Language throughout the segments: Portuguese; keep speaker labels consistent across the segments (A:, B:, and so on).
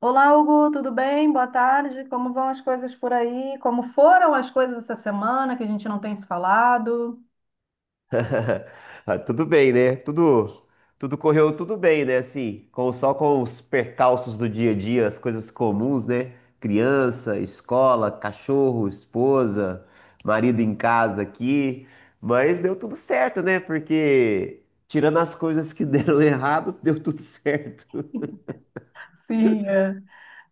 A: Olá, Hugo, tudo bem? Boa tarde. Como vão as coisas por aí? Como foram as coisas essa semana que a gente não tem se falado?
B: Ah, tudo bem, né? Tudo correu tudo bem, né? Assim, com, só com os percalços do dia a dia, as coisas comuns, né? Criança, escola, cachorro, esposa, marido em casa aqui. Mas deu tudo certo, né? Porque tirando as coisas que deram errado, deu tudo certo.
A: Sim, é.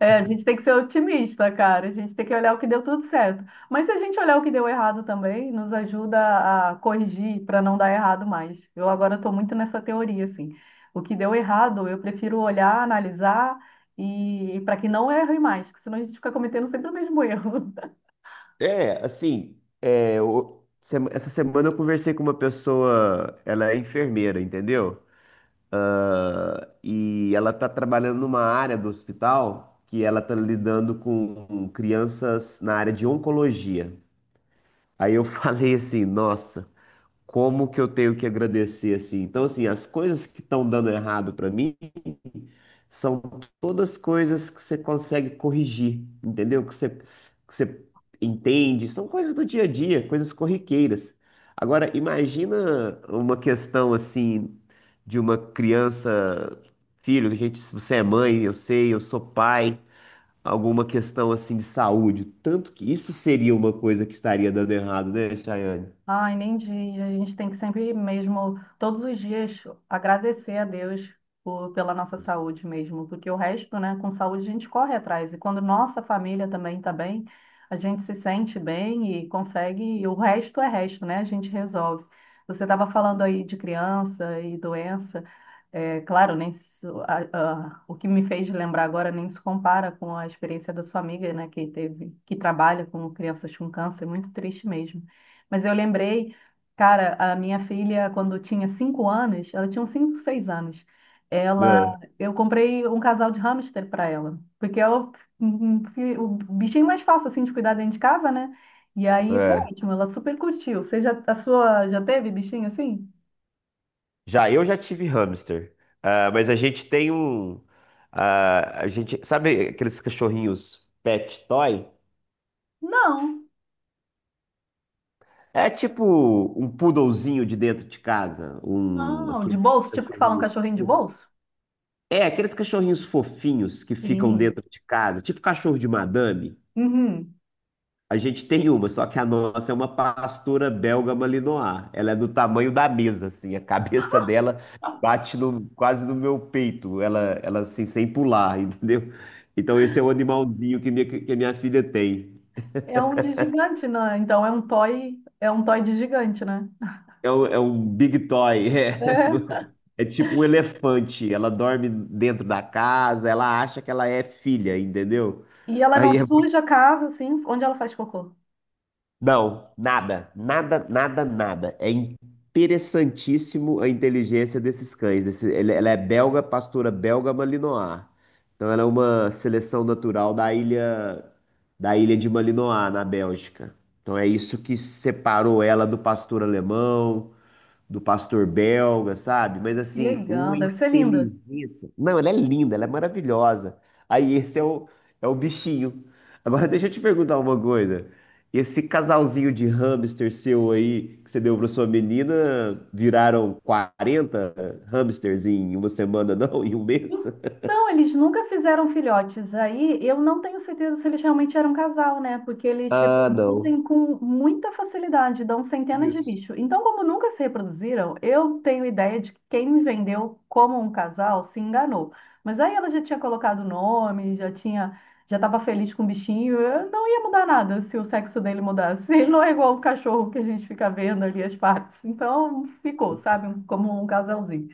A: É, a gente tem que ser otimista, cara. A gente tem que olhar o que deu tudo certo. Mas se a gente olhar o que deu errado também, nos ajuda a corrigir para não dar errado mais. Eu agora estou muito nessa teoria, assim. O que deu errado, eu prefiro olhar, analisar e para que não erre mais, porque senão a gente fica cometendo sempre o mesmo erro.
B: É, assim, Essa semana eu conversei com uma pessoa, ela é enfermeira, entendeu? E ela está trabalhando numa área do hospital que ela está lidando com crianças na área de oncologia. Aí eu falei assim, nossa, como que eu tenho que agradecer assim? Então assim, as coisas que estão dando errado para mim são todas coisas que você consegue corrigir, entendeu? Que você entende, são coisas do dia a dia, coisas corriqueiras. Agora, imagina uma questão assim de uma criança, filho, gente, se você é mãe, eu sei, eu sou pai, alguma questão assim de saúde. Tanto que isso seria uma coisa que estaria dando errado, né, Chayane?
A: Ai, nem diz. A gente tem que sempre mesmo, todos os dias, agradecer a Deus pela nossa saúde mesmo, porque o resto, né, com saúde a gente corre atrás. E quando nossa família também está bem, a gente se sente bem e consegue, e o resto é resto, né? A gente resolve. Você estava falando aí de criança e doença. É, claro, nem se- a- o que me fez lembrar agora nem se compara com a experiência da sua amiga, né, que teve, que trabalha com crianças com câncer, muito triste mesmo. Mas eu lembrei, cara, a minha filha, quando tinha 5 anos, ela tinha uns 5, 6 anos, ela, eu comprei um casal de hamster para ela, porque é o bichinho mais fácil, assim, de cuidar dentro de casa, né? E aí foi
B: É.
A: ótimo, ela super curtiu. Você já, a sua, já teve bichinho assim?
B: Já eu já tive hamster. Ah, mas a gente tem um, ah, a gente sabe aqueles cachorrinhos pet toy?
A: Não.
B: É tipo um poodlezinho de dentro de casa, um
A: Não, de
B: aqueles
A: bolso, tipo que fala um
B: cachorrinhos,
A: cachorrinho de bolso?
B: é aqueles cachorrinhos fofinhos que ficam
A: Pequenininho.
B: dentro de casa, tipo cachorro de madame.
A: Uhum.
B: A gente tem uma, só que a nossa é uma pastora belga malinois. Ela é do tamanho da mesa, assim. A cabeça dela bate no- quase no meu peito. Ela assim, sem pular, entendeu? Então esse é o animalzinho que a minha filha tem.
A: É um de gigante, né? Então é um toy de gigante, né?
B: É um big toy. É, é tipo um elefante. Ela dorme dentro da casa. Ela acha que ela é filha, entendeu?
A: E ela não
B: Aí é muito
A: suja a casa, assim, onde ela faz cocô.
B: Não, nada, nada, nada, nada. É interessantíssimo a inteligência desses cães. Ela é belga, pastora belga Malinois. Então ela é uma seleção natural da ilha de Malinois, na Bélgica. Então é isso que separou ela do pastor alemão, do pastor belga, sabe? Mas
A: Que
B: assim,
A: legal,
B: uma
A: deve ser linda.
B: inteligência. Não, ela é linda, ela é maravilhosa. Aí esse é o bichinho. Agora deixa eu te perguntar uma coisa. Esse casalzinho de hamster seu aí que você deu para sua menina, viraram 40 hamsters em uma semana, não? Em um mês?
A: Então, eles nunca fizeram filhotes. Aí eu não tenho certeza se eles realmente eram casal, né? Porque eles
B: Ah, não.
A: reproduzem com muita facilidade, dão centenas de
B: Isso.
A: bichos. Então, como nunca se reproduziram, eu tenho ideia de que quem me vendeu como um casal se enganou. Mas aí ela já tinha colocado o nome, já estava feliz com o bichinho. Eu não ia mudar nada se o sexo dele mudasse. Ele não é igual o cachorro que a gente fica vendo ali as partes. Então, ficou, sabe? Como um casalzinho.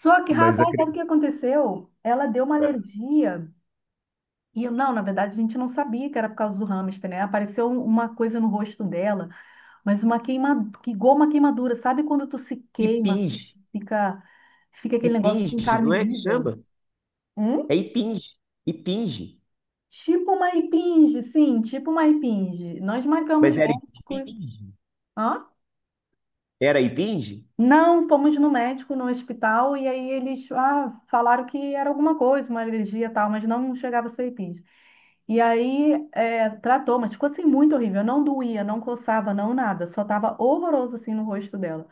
A: Só que,
B: Mas
A: rapaz, sabe o
B: acredita.
A: que aconteceu? Ela deu uma alergia. E eu, não, na verdade, a gente não sabia que era por causa do hamster, né? Apareceu uma coisa no rosto dela, mas uma queima, igual uma queimadura. Sabe quando tu se queima, assim,
B: Impinge.
A: fica, fica aquele negócio assim,
B: Impinge,
A: carne
B: não é que
A: viva?
B: chama?
A: Hum?
B: É impinge. Impinge.
A: Tipo uma impinge, sim, tipo uma impinge. Nós marcamos
B: Mas era
A: médico.
B: impinge.
A: Hã?
B: Era Ipinge?
A: Não, fomos no médico, no hospital, e aí eles falaram que era alguma coisa, uma alergia e tal, mas não chegava a ser impinge. E aí, é, tratou, mas ficou assim muito horrível. Não doía, não coçava, não nada. Só tava horroroso assim no rosto dela.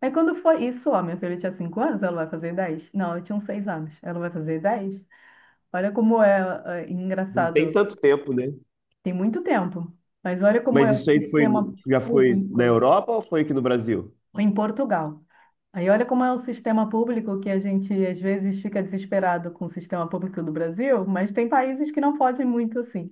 A: Aí quando foi isso, ó, minha filha tinha 5 anos, ela vai fazer 10? Não, eu tinha uns 6 anos, ela vai fazer 10. Olha como é, é
B: Não tem
A: engraçado.
B: tanto tempo, né?
A: Tem muito tempo, mas olha como
B: Mas
A: é o
B: isso aí foi,
A: sistema
B: já foi na
A: público
B: Europa ou foi aqui no Brasil?
A: em Portugal. Aí olha como é o sistema público que a gente às vezes fica desesperado com o sistema público do Brasil, mas tem países que não fogem muito assim.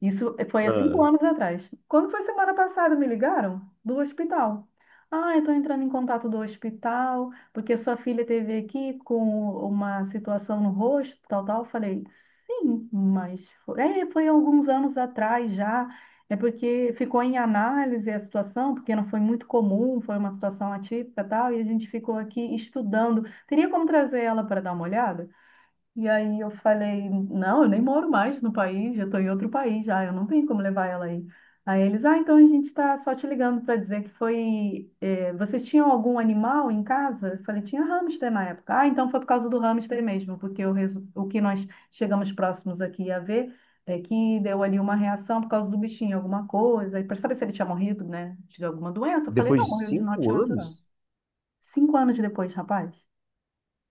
A: Isso foi há cinco
B: Ah,
A: anos atrás. Quando foi semana passada, me ligaram do hospital. Ah, eu estou entrando em contato do hospital, porque sua filha teve aqui com uma situação no rosto, tal, tal. Eu falei, sim, mas foi alguns anos atrás já. É porque ficou em análise a situação, porque não foi muito comum, foi uma situação atípica, tal, e a gente ficou aqui estudando. Teria como trazer ela para dar uma olhada? E aí eu falei, não, eu nem moro mais no país, já estou em outro país já, eu não tenho como levar ela aí. Aí eles, então a gente está só te ligando para dizer que vocês tinham algum animal em casa? Eu falei, tinha hamster na época. Ah, então foi por causa do hamster mesmo, porque o que nós chegamos próximos aqui a ver é que deu ali uma reação por causa do bichinho, alguma coisa, e para saber se ele tinha morrido, né, de alguma doença. Eu falei,
B: depois
A: não,
B: de
A: morreu de norte
B: cinco
A: natural.
B: anos?
A: 5 anos depois, rapaz.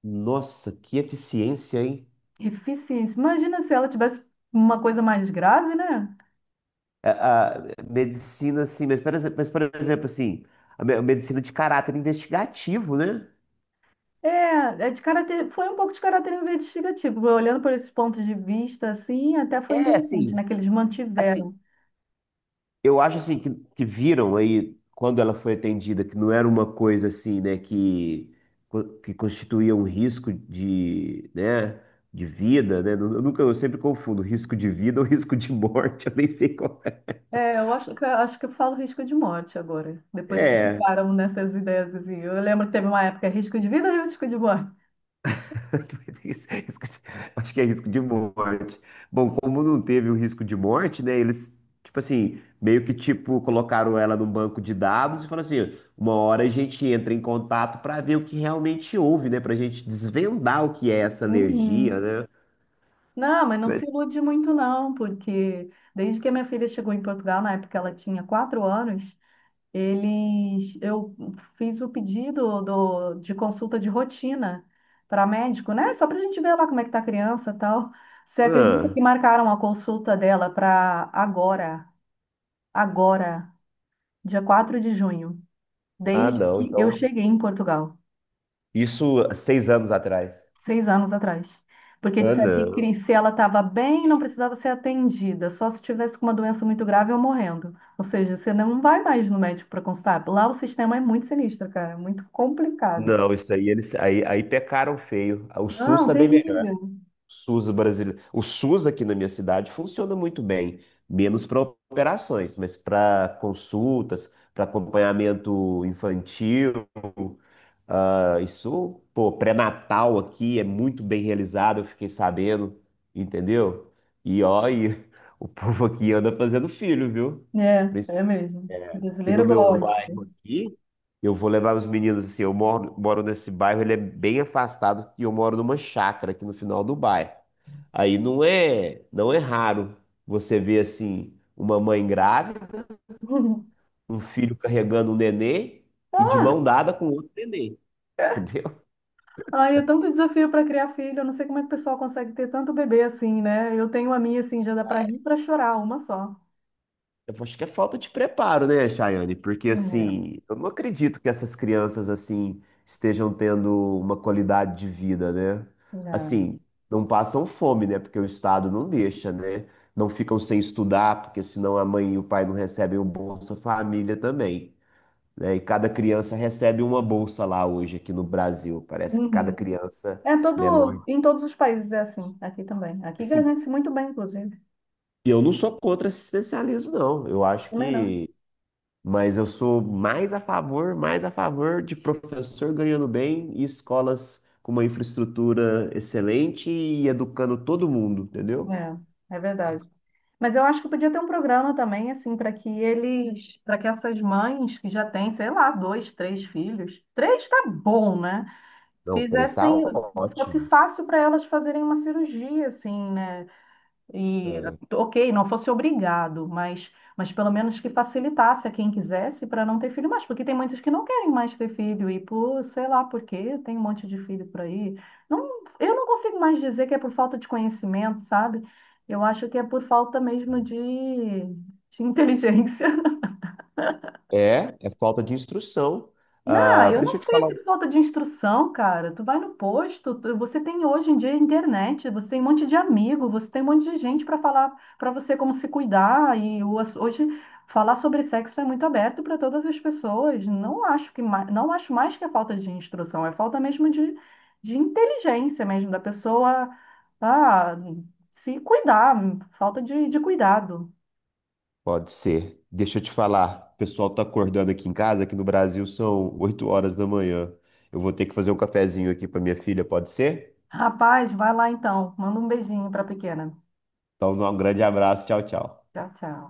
B: Nossa, que eficiência, hein?
A: Deficiência. Imagina se ela tivesse uma coisa mais grave, né?
B: A medicina, assim, por exemplo, assim, a medicina de caráter investigativo, né?
A: É, é de caráter, foi um pouco de caráter investigativo. Olhando por esses pontos de vista, assim, até foi
B: É,
A: interessante,
B: assim,
A: né? Que eles
B: assim,
A: mantiveram.
B: Eu acho assim Que viram aí quando ela foi atendida que não era uma coisa assim, né, que constituía um risco de, né, de vida, né? Eu nunca, eu sempre confundo risco de vida ou risco de morte, eu nem sei qual é.
A: É, eu acho que eu falo risco de morte agora, depois que
B: É,
A: param nessas ideias, assim. Eu lembro que teve uma época, risco de vida ou risco de morte?
B: Risco de- Acho que é risco de morte. Bom, como não teve o risco de morte, né? Eles, tipo assim, meio que tipo colocaram ela num banco de dados e falaram assim, uma hora a gente entra em contato para ver o que realmente houve, né? Pra gente desvendar o que é essa alergia,
A: Uhum.
B: né?
A: Não, mas não se
B: Mas,
A: ilude muito, não, porque desde que a minha filha chegou em Portugal, na época ela tinha 4 anos, eu fiz o pedido de consulta de rotina para médico, né? Só para a gente ver lá como é que tá a criança e tal. Você acredita
B: ah,
A: que marcaram a consulta dela para agora, agora, dia 4 de junho, desde
B: não.
A: que eu
B: Então,
A: cheguei em Portugal,
B: isso há 6 anos atrás.
A: 6 anos atrás. Porque
B: Ah,
A: disseram que
B: não.
A: se ela estava bem, não precisava ser atendida, só se tivesse com uma doença muito grave ou morrendo. Ou seja, você não vai mais no médico para consultar. Lá o sistema é muito sinistro, cara, muito complicado.
B: Não, isso aí eles aí, aí pecaram feio. O SUS
A: Não,
B: também
A: terrível.
B: SUS brasileiro. O SUS aqui na minha cidade funciona muito bem, menos para operações, mas para consultas, para acompanhamento infantil. Ah, isso, pô, pré-natal aqui é muito bem realizado, eu fiquei sabendo, entendeu? E ó, e o povo aqui anda fazendo filho, viu?
A: É, é mesmo.
B: Que no
A: Brasileiro
B: meu
A: gosta.
B: bairro aqui, eu vou levar os meninos assim, moro nesse bairro, ele é bem afastado e eu moro numa chácara aqui no final do bairro. Aí não é raro você ver assim uma mãe grávida, um filho carregando um nenê e de
A: Ah,
B: mão dada com outro nenê, entendeu?
A: ai, é tanto desafio para criar filho. Eu não sei como é que o pessoal consegue ter tanto bebê assim, né? Eu tenho a minha assim, já dá para rir para chorar, uma só.
B: Eu acho que é falta de preparo, né, Chayane? Porque,
A: É,
B: assim, eu não acredito que essas crianças, assim, estejam tendo uma qualidade de vida, né?
A: não.
B: Assim, não passam fome, né? Porque o Estado não deixa, né? Não ficam sem estudar, porque senão a mãe e o pai não recebem o Bolsa Família também, né? E cada criança recebe uma bolsa lá hoje, aqui no Brasil. Parece que cada
A: Uhum.
B: criança
A: É
B: menor.
A: todo, em todos os países é assim, aqui também. Aqui
B: Assim,
A: ganha-se muito bem, inclusive.
B: eu não sou contra assistencialismo, não. Eu acho
A: Também não.
B: que. Mas eu sou mais a favor de professor ganhando bem e escolas com uma infraestrutura excelente e educando todo mundo, entendeu?
A: É verdade. Mas eu acho que podia ter um programa também, assim, para que essas mães que já têm, sei lá, dois, três filhos, três tá bom, né?
B: Não, três está
A: fizessem, fosse
B: ótimo.
A: fácil para elas fazerem uma cirurgia, assim, né? E,
B: É,
A: ok, não fosse obrigado, mas pelo menos que facilitasse a quem quisesse para não ter filho mais, porque tem muitos que não querem mais ter filho e sei lá por quê, tem um monte de filho por aí. Não, eu não consigo mais dizer que é por falta de conhecimento, sabe? Eu acho que é por falta mesmo de inteligência.
B: é é falta de instrução.
A: Não,
B: Ah,
A: eu não
B: deixa eu te
A: sei
B: falar.
A: se falta de instrução, cara. Tu vai no posto, você tem hoje em dia internet, você tem um monte de amigo, você tem um monte de gente para falar para você como se cuidar e hoje falar sobre sexo é muito aberto para todas as pessoas. Não acho mais que é falta de instrução, é falta mesmo de inteligência mesmo da pessoa ah, se cuidar, falta de cuidado.
B: Pode ser. Deixa eu te falar. O pessoal tá acordando aqui em casa, aqui no Brasil são 8 horas da manhã. Eu vou ter que fazer um cafezinho aqui para minha filha, pode ser?
A: Rapaz, vai lá então. Manda um beijinho para a pequena.
B: Então, um grande abraço. Tchau, tchau.
A: Tchau, tchau.